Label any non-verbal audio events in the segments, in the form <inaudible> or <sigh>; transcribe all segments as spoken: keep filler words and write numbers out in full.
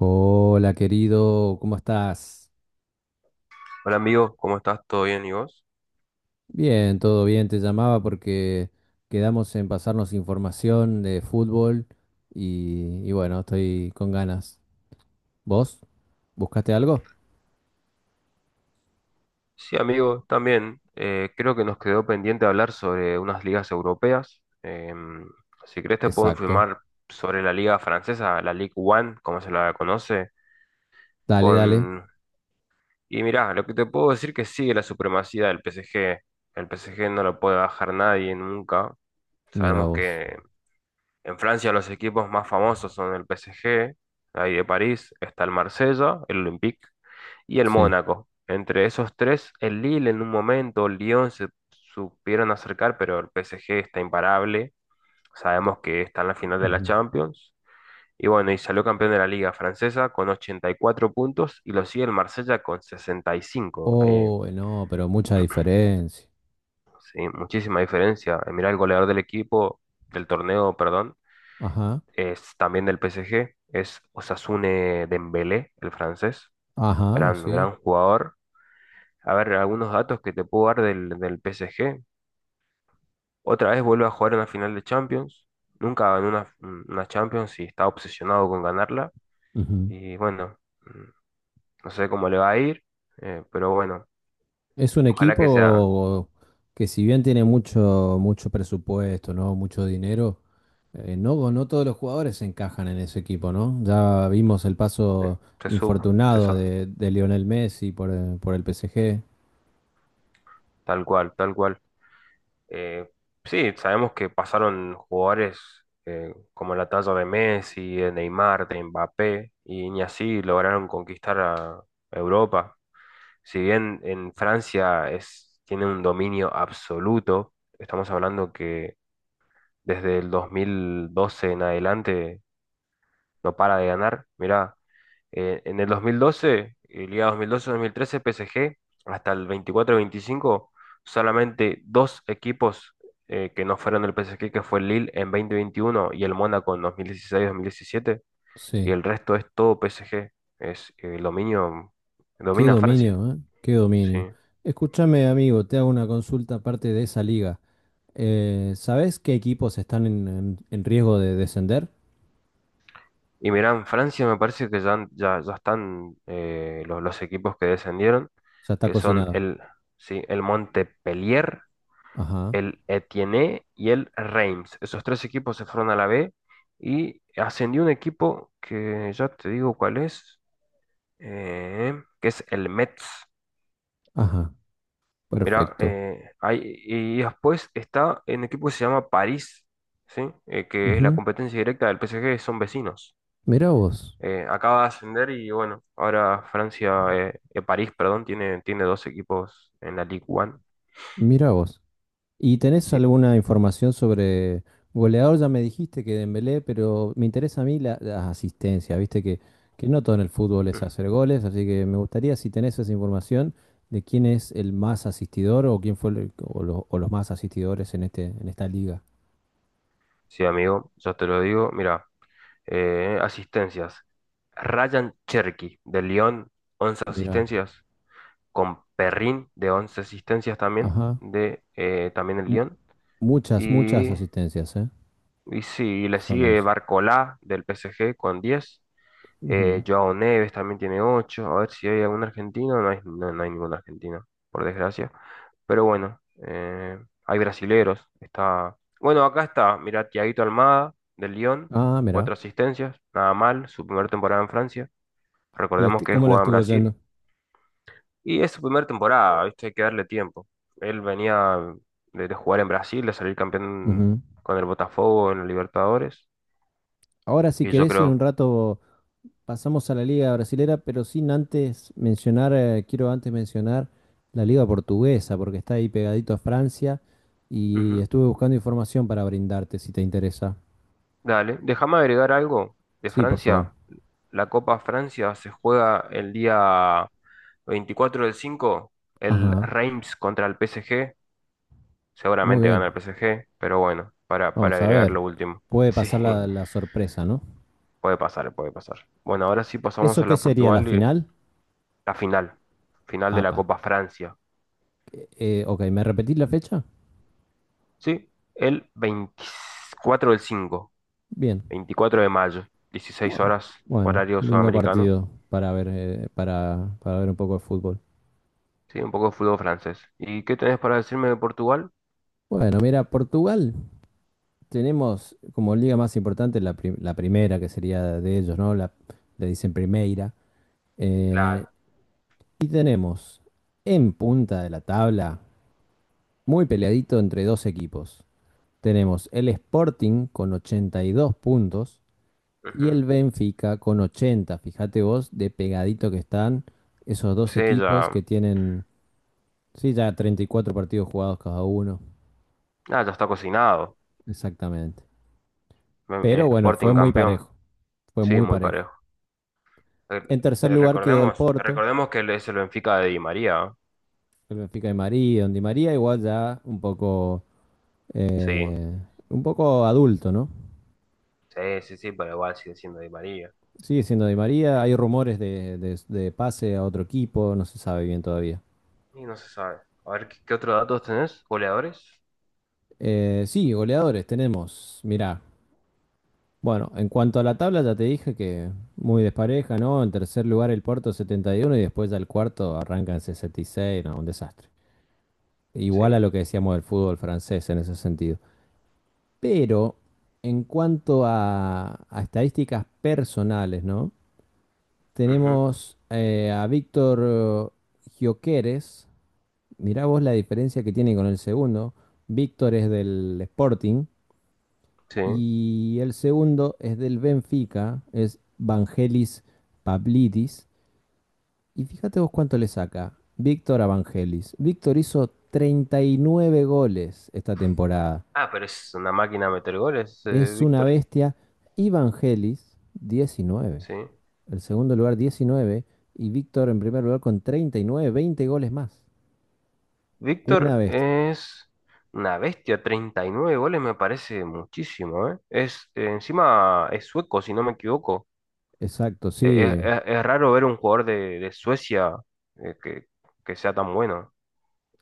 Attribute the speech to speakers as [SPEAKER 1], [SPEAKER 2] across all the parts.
[SPEAKER 1] Hola querido, ¿cómo estás?
[SPEAKER 2] Hola amigo, ¿cómo estás? ¿Todo bien? ¿Y vos?
[SPEAKER 1] Bien, todo bien, te llamaba porque quedamos en pasarnos información de fútbol y, y bueno, estoy con ganas. ¿Vos? ¿Buscaste algo?
[SPEAKER 2] Sí, amigo, también. eh, creo que nos quedó pendiente hablar sobre unas ligas europeas. Em, si querés te puedo
[SPEAKER 1] Exacto.
[SPEAKER 2] informar sobre la liga francesa, la Ligue uno, como se la conoce,
[SPEAKER 1] Dale, dale.
[SPEAKER 2] con... Y mirá, lo que te puedo decir que sigue la supremacía del P S G. El P S G no lo puede bajar nadie nunca.
[SPEAKER 1] Mira
[SPEAKER 2] Sabemos
[SPEAKER 1] vos.
[SPEAKER 2] que en Francia los equipos más famosos son el P S G, ahí de París, está el Marsella, el Olympique, y el
[SPEAKER 1] Sí.
[SPEAKER 2] Mónaco. Entre esos tres, el Lille en un momento, el Lyon se supieron acercar, pero el P S G está imparable. Sabemos que está en la final de la
[SPEAKER 1] Ujú.
[SPEAKER 2] Champions. Y bueno, y salió campeón de la Liga Francesa con ochenta y cuatro puntos y lo sigue el Marsella con sesenta y cinco. Eh,
[SPEAKER 1] Oh, no, pero mucha diferencia.
[SPEAKER 2] sí, muchísima diferencia. Eh, mirá el goleador del equipo, del torneo, perdón,
[SPEAKER 1] Ajá,
[SPEAKER 2] es también del P S G, es Osasune Dembélé, el francés.
[SPEAKER 1] ajá,
[SPEAKER 2] Gran,
[SPEAKER 1] sí.
[SPEAKER 2] gran jugador. A ver, algunos datos que te puedo dar del, del P S G. Otra vez vuelve a jugar en la final de Champions. Nunca ganó una, una Champions y está obsesionado con ganarla.
[SPEAKER 1] Ujú.
[SPEAKER 2] Y bueno, mm, no sé cómo le va a ir, eh, pero bueno,
[SPEAKER 1] Es un
[SPEAKER 2] ojalá que sea,
[SPEAKER 1] equipo que si bien tiene mucho, mucho presupuesto, ¿no? Mucho dinero. Eh, no, no todos los jugadores encajan en ese equipo, ¿no? Ya vimos el
[SPEAKER 2] eh,
[SPEAKER 1] paso
[SPEAKER 2] se sub, se
[SPEAKER 1] infortunado
[SPEAKER 2] sa-
[SPEAKER 1] de, de Lionel Messi por, eh, por el P S G.
[SPEAKER 2] tal cual, tal cual. Eh, sí, sabemos que pasaron jugadores eh, como la talla de Messi, de Neymar, de Mbappé, y ni así lograron conquistar a Europa. Si bien en Francia es, tiene un dominio absoluto, estamos hablando que desde el dos mil doce en adelante no para de ganar. Mirá, eh, en el dos mil doce, eh, Liga dos mil doce-dos mil trece, P S G, hasta el veinticuatro veinticinco solamente dos equipos eh, que no fueron del P S G, que fue el Lille en dos mil veintiuno y el Mónaco en dos mil dieciséis-dos mil diecisiete y
[SPEAKER 1] Sí,
[SPEAKER 2] el resto es todo P S G. Es eh, el dominio,
[SPEAKER 1] qué
[SPEAKER 2] domina Francia,
[SPEAKER 1] dominio, ¿eh? Qué
[SPEAKER 2] sí.
[SPEAKER 1] dominio. Escúchame, amigo, te hago una consulta aparte de esa liga. Eh, ¿sabés qué equipos están en, en- en riesgo de descender?
[SPEAKER 2] Y mirá, en Francia me parece que ya, han- ya, ya están eh, los, los equipos que descendieron,
[SPEAKER 1] Ya está
[SPEAKER 2] que son
[SPEAKER 1] cocinado.
[SPEAKER 2] el, sí, el Montpellier,
[SPEAKER 1] Ajá,
[SPEAKER 2] el Etienne y el Reims. Esos tres equipos se fueron a la B y ascendió un equipo que ya te digo cuál es, eh, que es el Metz.
[SPEAKER 1] ajá,
[SPEAKER 2] mira
[SPEAKER 1] perfecto.
[SPEAKER 2] eh, y después está un equipo que se llama París, ¿sí? Eh, que es la
[SPEAKER 1] Ujú.
[SPEAKER 2] competencia directa del P S G, son vecinos.
[SPEAKER 1] Mirá vos,
[SPEAKER 2] eh, acaba de ascender y bueno, ahora Francia, eh, eh, París, perdón, tiene, tiene dos equipos en la Ligue un.
[SPEAKER 1] mirá vos. ¿Y tenés
[SPEAKER 2] Sí,
[SPEAKER 1] alguna información sobre goleador? Ya me dijiste que Dembélé, pero me interesa a mí la, las asistencias. Viste que, que no todo en el fútbol es
[SPEAKER 2] Mm.
[SPEAKER 1] hacer goles, así que me gustaría si tenés esa información de quién es el más asistidor o quién fue el- o, lo- o los más asistidores en este en esta liga.
[SPEAKER 2] Sí, amigo, yo te lo digo. Mira, eh, asistencias. Ryan Cherky de Lyon, once
[SPEAKER 1] Mira,
[SPEAKER 2] asistencias, con Perrin de once asistencias también,
[SPEAKER 1] ajá,
[SPEAKER 2] de eh, también el
[SPEAKER 1] mu-
[SPEAKER 2] Lyon.
[SPEAKER 1] muchas muchas
[SPEAKER 2] Y,
[SPEAKER 1] asistencias, ¿eh?
[SPEAKER 2] y sí, le
[SPEAKER 1] Son
[SPEAKER 2] sigue
[SPEAKER 1] once.
[SPEAKER 2] Barcola del P S G con diez. Eh,
[SPEAKER 1] Ujú.
[SPEAKER 2] Joao Neves también tiene ocho. A ver si hay algún argentino. No hay, no, no hay ningún argentino, por desgracia. Pero bueno, eh, hay brasileros. Está... Bueno, acá está. Mira Thiaguito Almada, del Lyon.
[SPEAKER 1] Ah, mira,
[SPEAKER 2] Cuatro asistencias. Nada mal. Su primera temporada en Francia.
[SPEAKER 1] Le
[SPEAKER 2] Recordemos
[SPEAKER 1] est-
[SPEAKER 2] que él
[SPEAKER 1] ¿cómo la
[SPEAKER 2] jugaba en
[SPEAKER 1] estuvo
[SPEAKER 2] Brasil.
[SPEAKER 1] yendo?
[SPEAKER 2] Y es su primera temporada, ¿viste? Hay que darle tiempo. Él venía de, de jugar en Brasil, de salir campeón
[SPEAKER 1] Ujú.
[SPEAKER 2] con el Botafogo en los Libertadores.
[SPEAKER 1] Ahora si
[SPEAKER 2] Y yo
[SPEAKER 1] querés en un
[SPEAKER 2] creo...
[SPEAKER 1] rato pasamos a la Liga Brasilera, pero sin antes mencionar, eh, quiero antes mencionar la Liga Portuguesa, porque está ahí pegadito a Francia y
[SPEAKER 2] Ujú.
[SPEAKER 1] estuve buscando información para brindarte si te interesa.
[SPEAKER 2] Dale, déjame agregar algo de
[SPEAKER 1] Sí, por favor.
[SPEAKER 2] Francia. La Copa Francia se juega el día veinticuatro del cinco, el
[SPEAKER 1] Ajá,
[SPEAKER 2] Reims contra el P S G.
[SPEAKER 1] muy
[SPEAKER 2] Seguramente
[SPEAKER 1] bien.
[SPEAKER 2] gana el P S G, pero bueno, para, para
[SPEAKER 1] Vamos a
[SPEAKER 2] agregar
[SPEAKER 1] ver.
[SPEAKER 2] lo último. <laughs>
[SPEAKER 1] Puede
[SPEAKER 2] Sí,
[SPEAKER 1] pasar la, la sorpresa, ¿no?
[SPEAKER 2] puede pasar, puede pasar. Bueno, ahora sí pasamos
[SPEAKER 1] ¿Eso
[SPEAKER 2] a
[SPEAKER 1] qué
[SPEAKER 2] la
[SPEAKER 1] sería la
[SPEAKER 2] Portugal y
[SPEAKER 1] final?
[SPEAKER 2] la final. Final de la
[SPEAKER 1] A P A.
[SPEAKER 2] Copa Francia.
[SPEAKER 1] Eh, eh, ok, ¿me repetís la fecha?
[SPEAKER 2] Sí, el veinticuatro del cinco,
[SPEAKER 1] Bien.
[SPEAKER 2] veinticuatro de mayo, dieciséis
[SPEAKER 1] Bueno,
[SPEAKER 2] horas,
[SPEAKER 1] bueno,
[SPEAKER 2] horario
[SPEAKER 1] lindo
[SPEAKER 2] sudamericano.
[SPEAKER 1] partido para ver, eh, para, para ver un poco de fútbol.
[SPEAKER 2] Sí, un poco de fútbol francés. ¿Y qué tenés para decirme de Portugal?
[SPEAKER 1] Bueno, mira, Portugal tenemos como liga más importante la, pri- la primera, que sería de ellos, ¿no? La, le dicen Primeira.
[SPEAKER 2] Claro.
[SPEAKER 1] Eh, y tenemos en punta de la tabla, muy peleadito entre dos equipos. Tenemos el Sporting con ochenta y dos puntos y
[SPEAKER 2] Ujú.
[SPEAKER 1] el Benfica con ochenta. Fíjate vos de pegadito que están esos dos
[SPEAKER 2] Sí,
[SPEAKER 1] equipos
[SPEAKER 2] ya.
[SPEAKER 1] que tienen, sí, ya treinta y cuatro partidos jugados cada uno.
[SPEAKER 2] Ah, ya está cocinado.
[SPEAKER 1] Exactamente.
[SPEAKER 2] Me-
[SPEAKER 1] Pero
[SPEAKER 2] eh,
[SPEAKER 1] bueno, fue
[SPEAKER 2] Sporting
[SPEAKER 1] muy
[SPEAKER 2] campeón.
[SPEAKER 1] parejo. Fue
[SPEAKER 2] Sí,
[SPEAKER 1] muy
[SPEAKER 2] muy
[SPEAKER 1] parejo.
[SPEAKER 2] parejo. Eh,
[SPEAKER 1] En tercer
[SPEAKER 2] eh,
[SPEAKER 1] lugar quedó el
[SPEAKER 2] recordemos,
[SPEAKER 1] Porto,
[SPEAKER 2] recordemos que es el Benfica de Di María. ¿Eh?
[SPEAKER 1] el Benfica de María, donde María igual ya un poco,
[SPEAKER 2] Sí,
[SPEAKER 1] eh, un poco adulto, ¿no?
[SPEAKER 2] sí, sí, sí, pero igual sigue siendo Di María.
[SPEAKER 1] Sigue siendo de María, hay rumores de, de- de pase a otro equipo, no se sabe bien todavía.
[SPEAKER 2] Y no se sabe. A ver, ¿qué, qué otros datos tenés? ¿Goleadores?
[SPEAKER 1] Eh, sí, goleadores tenemos, mirá. Bueno, en cuanto a la tabla ya te dije que muy despareja, ¿no? En tercer lugar el Porto setenta y uno y uno y después ya el cuarto arranca en sesenta y seis, no, un desastre.
[SPEAKER 2] Sí.
[SPEAKER 1] Igual a lo que decíamos del fútbol francés en ese sentido. Pero en cuanto a, a estadísticas personales, ¿no?
[SPEAKER 2] Ujú,
[SPEAKER 1] Tenemos eh, a Víctor eh, Gioqueres. Mirá vos la diferencia que tiene con el segundo. Víctor es del Sporting
[SPEAKER 2] sí.
[SPEAKER 1] y el segundo es del Benfica, es Vangelis Pablidis. Y fíjate vos cuánto le saca Víctor a Vangelis. Víctor hizo treinta y nueve goles esta temporada.
[SPEAKER 2] Ah, pero es una máquina a meter goles, eh,
[SPEAKER 1] Es una
[SPEAKER 2] Víctor.
[SPEAKER 1] bestia. Evangelis, diecinueve.
[SPEAKER 2] Sí.
[SPEAKER 1] El segundo lugar, diecinueve. Y Víctor en primer lugar con treinta y nueve, veinte goles más. Una
[SPEAKER 2] Víctor
[SPEAKER 1] bestia.
[SPEAKER 2] es una bestia. Treinta y nueve goles me parece muchísimo, ¿eh? Es, eh, encima es sueco, si no me equivoco.
[SPEAKER 1] Exacto,
[SPEAKER 2] Eh,
[SPEAKER 1] sí,
[SPEAKER 2] Es,
[SPEAKER 1] eh,
[SPEAKER 2] es- es raro ver un jugador de, de Suecia eh, que, que sea tan bueno.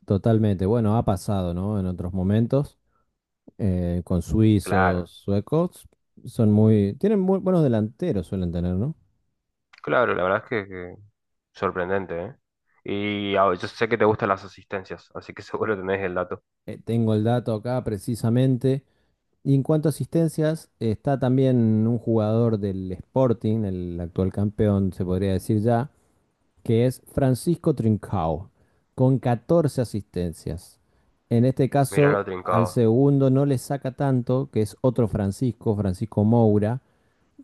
[SPEAKER 1] totalmente. Bueno, ha pasado, ¿no? En otros momentos, eh, con
[SPEAKER 2] Claro,
[SPEAKER 1] suizos, suecos, son muy, tienen muy buenos delanteros, suelen tener, ¿no?
[SPEAKER 2] claro, la verdad es que, que sorprendente, ¿eh? Y ah, yo sé que te gustan las asistencias, así que <laughs> seguro tenés el dato.
[SPEAKER 1] Eh, tengo el dato acá precisamente. Y en cuanto a asistencias, está también un jugador del Sporting, el actual campeón, se podría decir ya, que es Francisco Trincao, con catorce asistencias. En este
[SPEAKER 2] Mirá
[SPEAKER 1] caso,
[SPEAKER 2] lo
[SPEAKER 1] al
[SPEAKER 2] trincado.
[SPEAKER 1] segundo no le saca tanto, que es otro Francisco, Francisco Moura,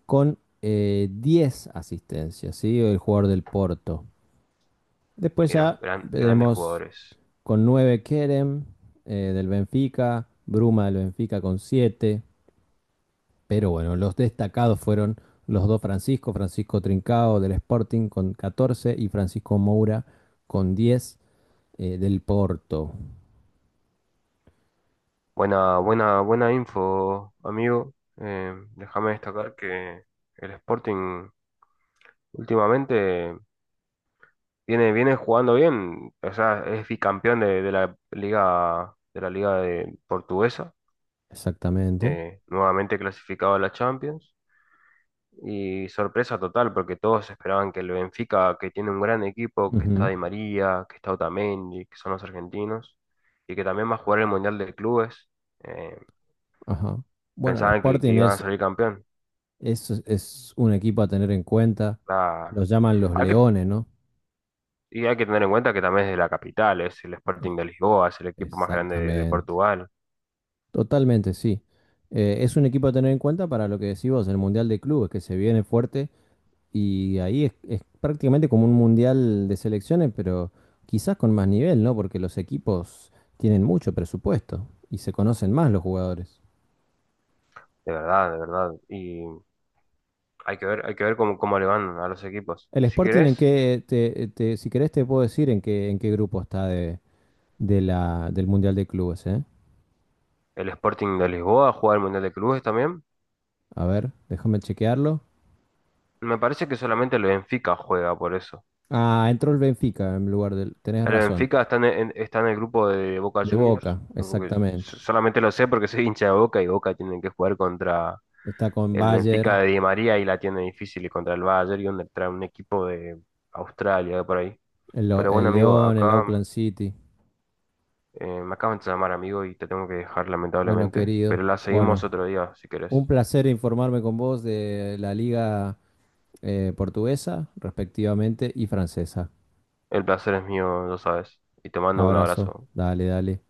[SPEAKER 1] con eh, diez asistencias, ¿sí? El jugador del Porto. Después
[SPEAKER 2] Mirá,
[SPEAKER 1] ya
[SPEAKER 2] gran- grandes
[SPEAKER 1] tenemos
[SPEAKER 2] jugadores.
[SPEAKER 1] con nueve Kerem eh, del Benfica, Bruma del Benfica con siete. Pero bueno, los destacados fueron los dos Francisco, Francisco Trincao del Sporting con catorce y Francisco Moura con diez eh, del Porto,
[SPEAKER 2] Buena, buena, buena info, amigo. Eh, déjame destacar que el Sporting últimamente viene, viene jugando bien. O sea, es bicampeón de, de la liga, de la liga de portuguesa.
[SPEAKER 1] exactamente.
[SPEAKER 2] eh, nuevamente clasificado a la Champions. Y sorpresa total, porque todos esperaban que el Benfica, que tiene un gran equipo, que está
[SPEAKER 1] Ujú,
[SPEAKER 2] Di María, que está Otamendi, que son los argentinos, y que también va a jugar el Mundial de Clubes, eh,
[SPEAKER 1] ajá. Bueno, el
[SPEAKER 2] pensaban que, que
[SPEAKER 1] Sporting
[SPEAKER 2] iban a
[SPEAKER 1] es,
[SPEAKER 2] salir campeón.
[SPEAKER 1] es, es un equipo a tener en cuenta.
[SPEAKER 2] La-
[SPEAKER 1] Los llaman los
[SPEAKER 2] hay que-
[SPEAKER 1] Leones, ¿no?
[SPEAKER 2] y hay que tener en cuenta que también es de la capital, es el
[SPEAKER 1] Eh,
[SPEAKER 2] Sporting de Lisboa, es el equipo más grande de, de
[SPEAKER 1] exactamente.
[SPEAKER 2] Portugal,
[SPEAKER 1] Totalmente, sí. Eh, es un equipo a tener en cuenta para lo que decís vos, el Mundial de Clubes, que se viene fuerte y ahí es, es prácticamente como un Mundial de selecciones, pero quizás con más nivel, ¿no? Porque los equipos tienen mucho presupuesto y se conocen más los jugadores.
[SPEAKER 2] de verdad, de verdad. Y hay que ver, hay que ver cómo, cómo le van a los equipos.
[SPEAKER 1] El
[SPEAKER 2] Si
[SPEAKER 1] Sporting en
[SPEAKER 2] querés,
[SPEAKER 1] qué, te, te- si querés te puedo decir en qué, en qué grupo está de, de la, del Mundial de Clubes, ¿eh?
[SPEAKER 2] el Sporting de Lisboa juega el Mundial de Clubes también.
[SPEAKER 1] A ver, déjame chequearlo.
[SPEAKER 2] Me parece que solamente el Benfica juega por eso.
[SPEAKER 1] Ah, entró el Benfica en lugar del, tenés
[SPEAKER 2] El
[SPEAKER 1] razón,
[SPEAKER 2] Benfica está en, en- está en el grupo de Boca
[SPEAKER 1] de
[SPEAKER 2] Juniors,
[SPEAKER 1] Boca,
[SPEAKER 2] porque
[SPEAKER 1] exactamente.
[SPEAKER 2] so- solamente lo sé porque <laughs> soy hincha de Boca y Boca tienen que jugar contra
[SPEAKER 1] Está con
[SPEAKER 2] el
[SPEAKER 1] Bayer,
[SPEAKER 2] Benfica de Di María y la tiene difícil y contra el Bayern y contra un equipo de Australia por ahí.
[SPEAKER 1] el, Lo-
[SPEAKER 2] Pero bueno,
[SPEAKER 1] el
[SPEAKER 2] amigo,
[SPEAKER 1] León, el
[SPEAKER 2] acá
[SPEAKER 1] Auckland City.
[SPEAKER 2] eh, me acaban de llamar, amigo, y te tengo que dejar
[SPEAKER 1] Bueno,
[SPEAKER 2] lamentablemente,
[SPEAKER 1] querido,
[SPEAKER 2] pero la
[SPEAKER 1] bueno,
[SPEAKER 2] seguimos otro día si
[SPEAKER 1] un
[SPEAKER 2] querés.
[SPEAKER 1] placer informarme con vos de la liga eh, portuguesa, respectivamente, y francesa.
[SPEAKER 2] El placer es mío, lo sabes, y te mando un
[SPEAKER 1] Abrazo,
[SPEAKER 2] abrazo.
[SPEAKER 1] dale, dale.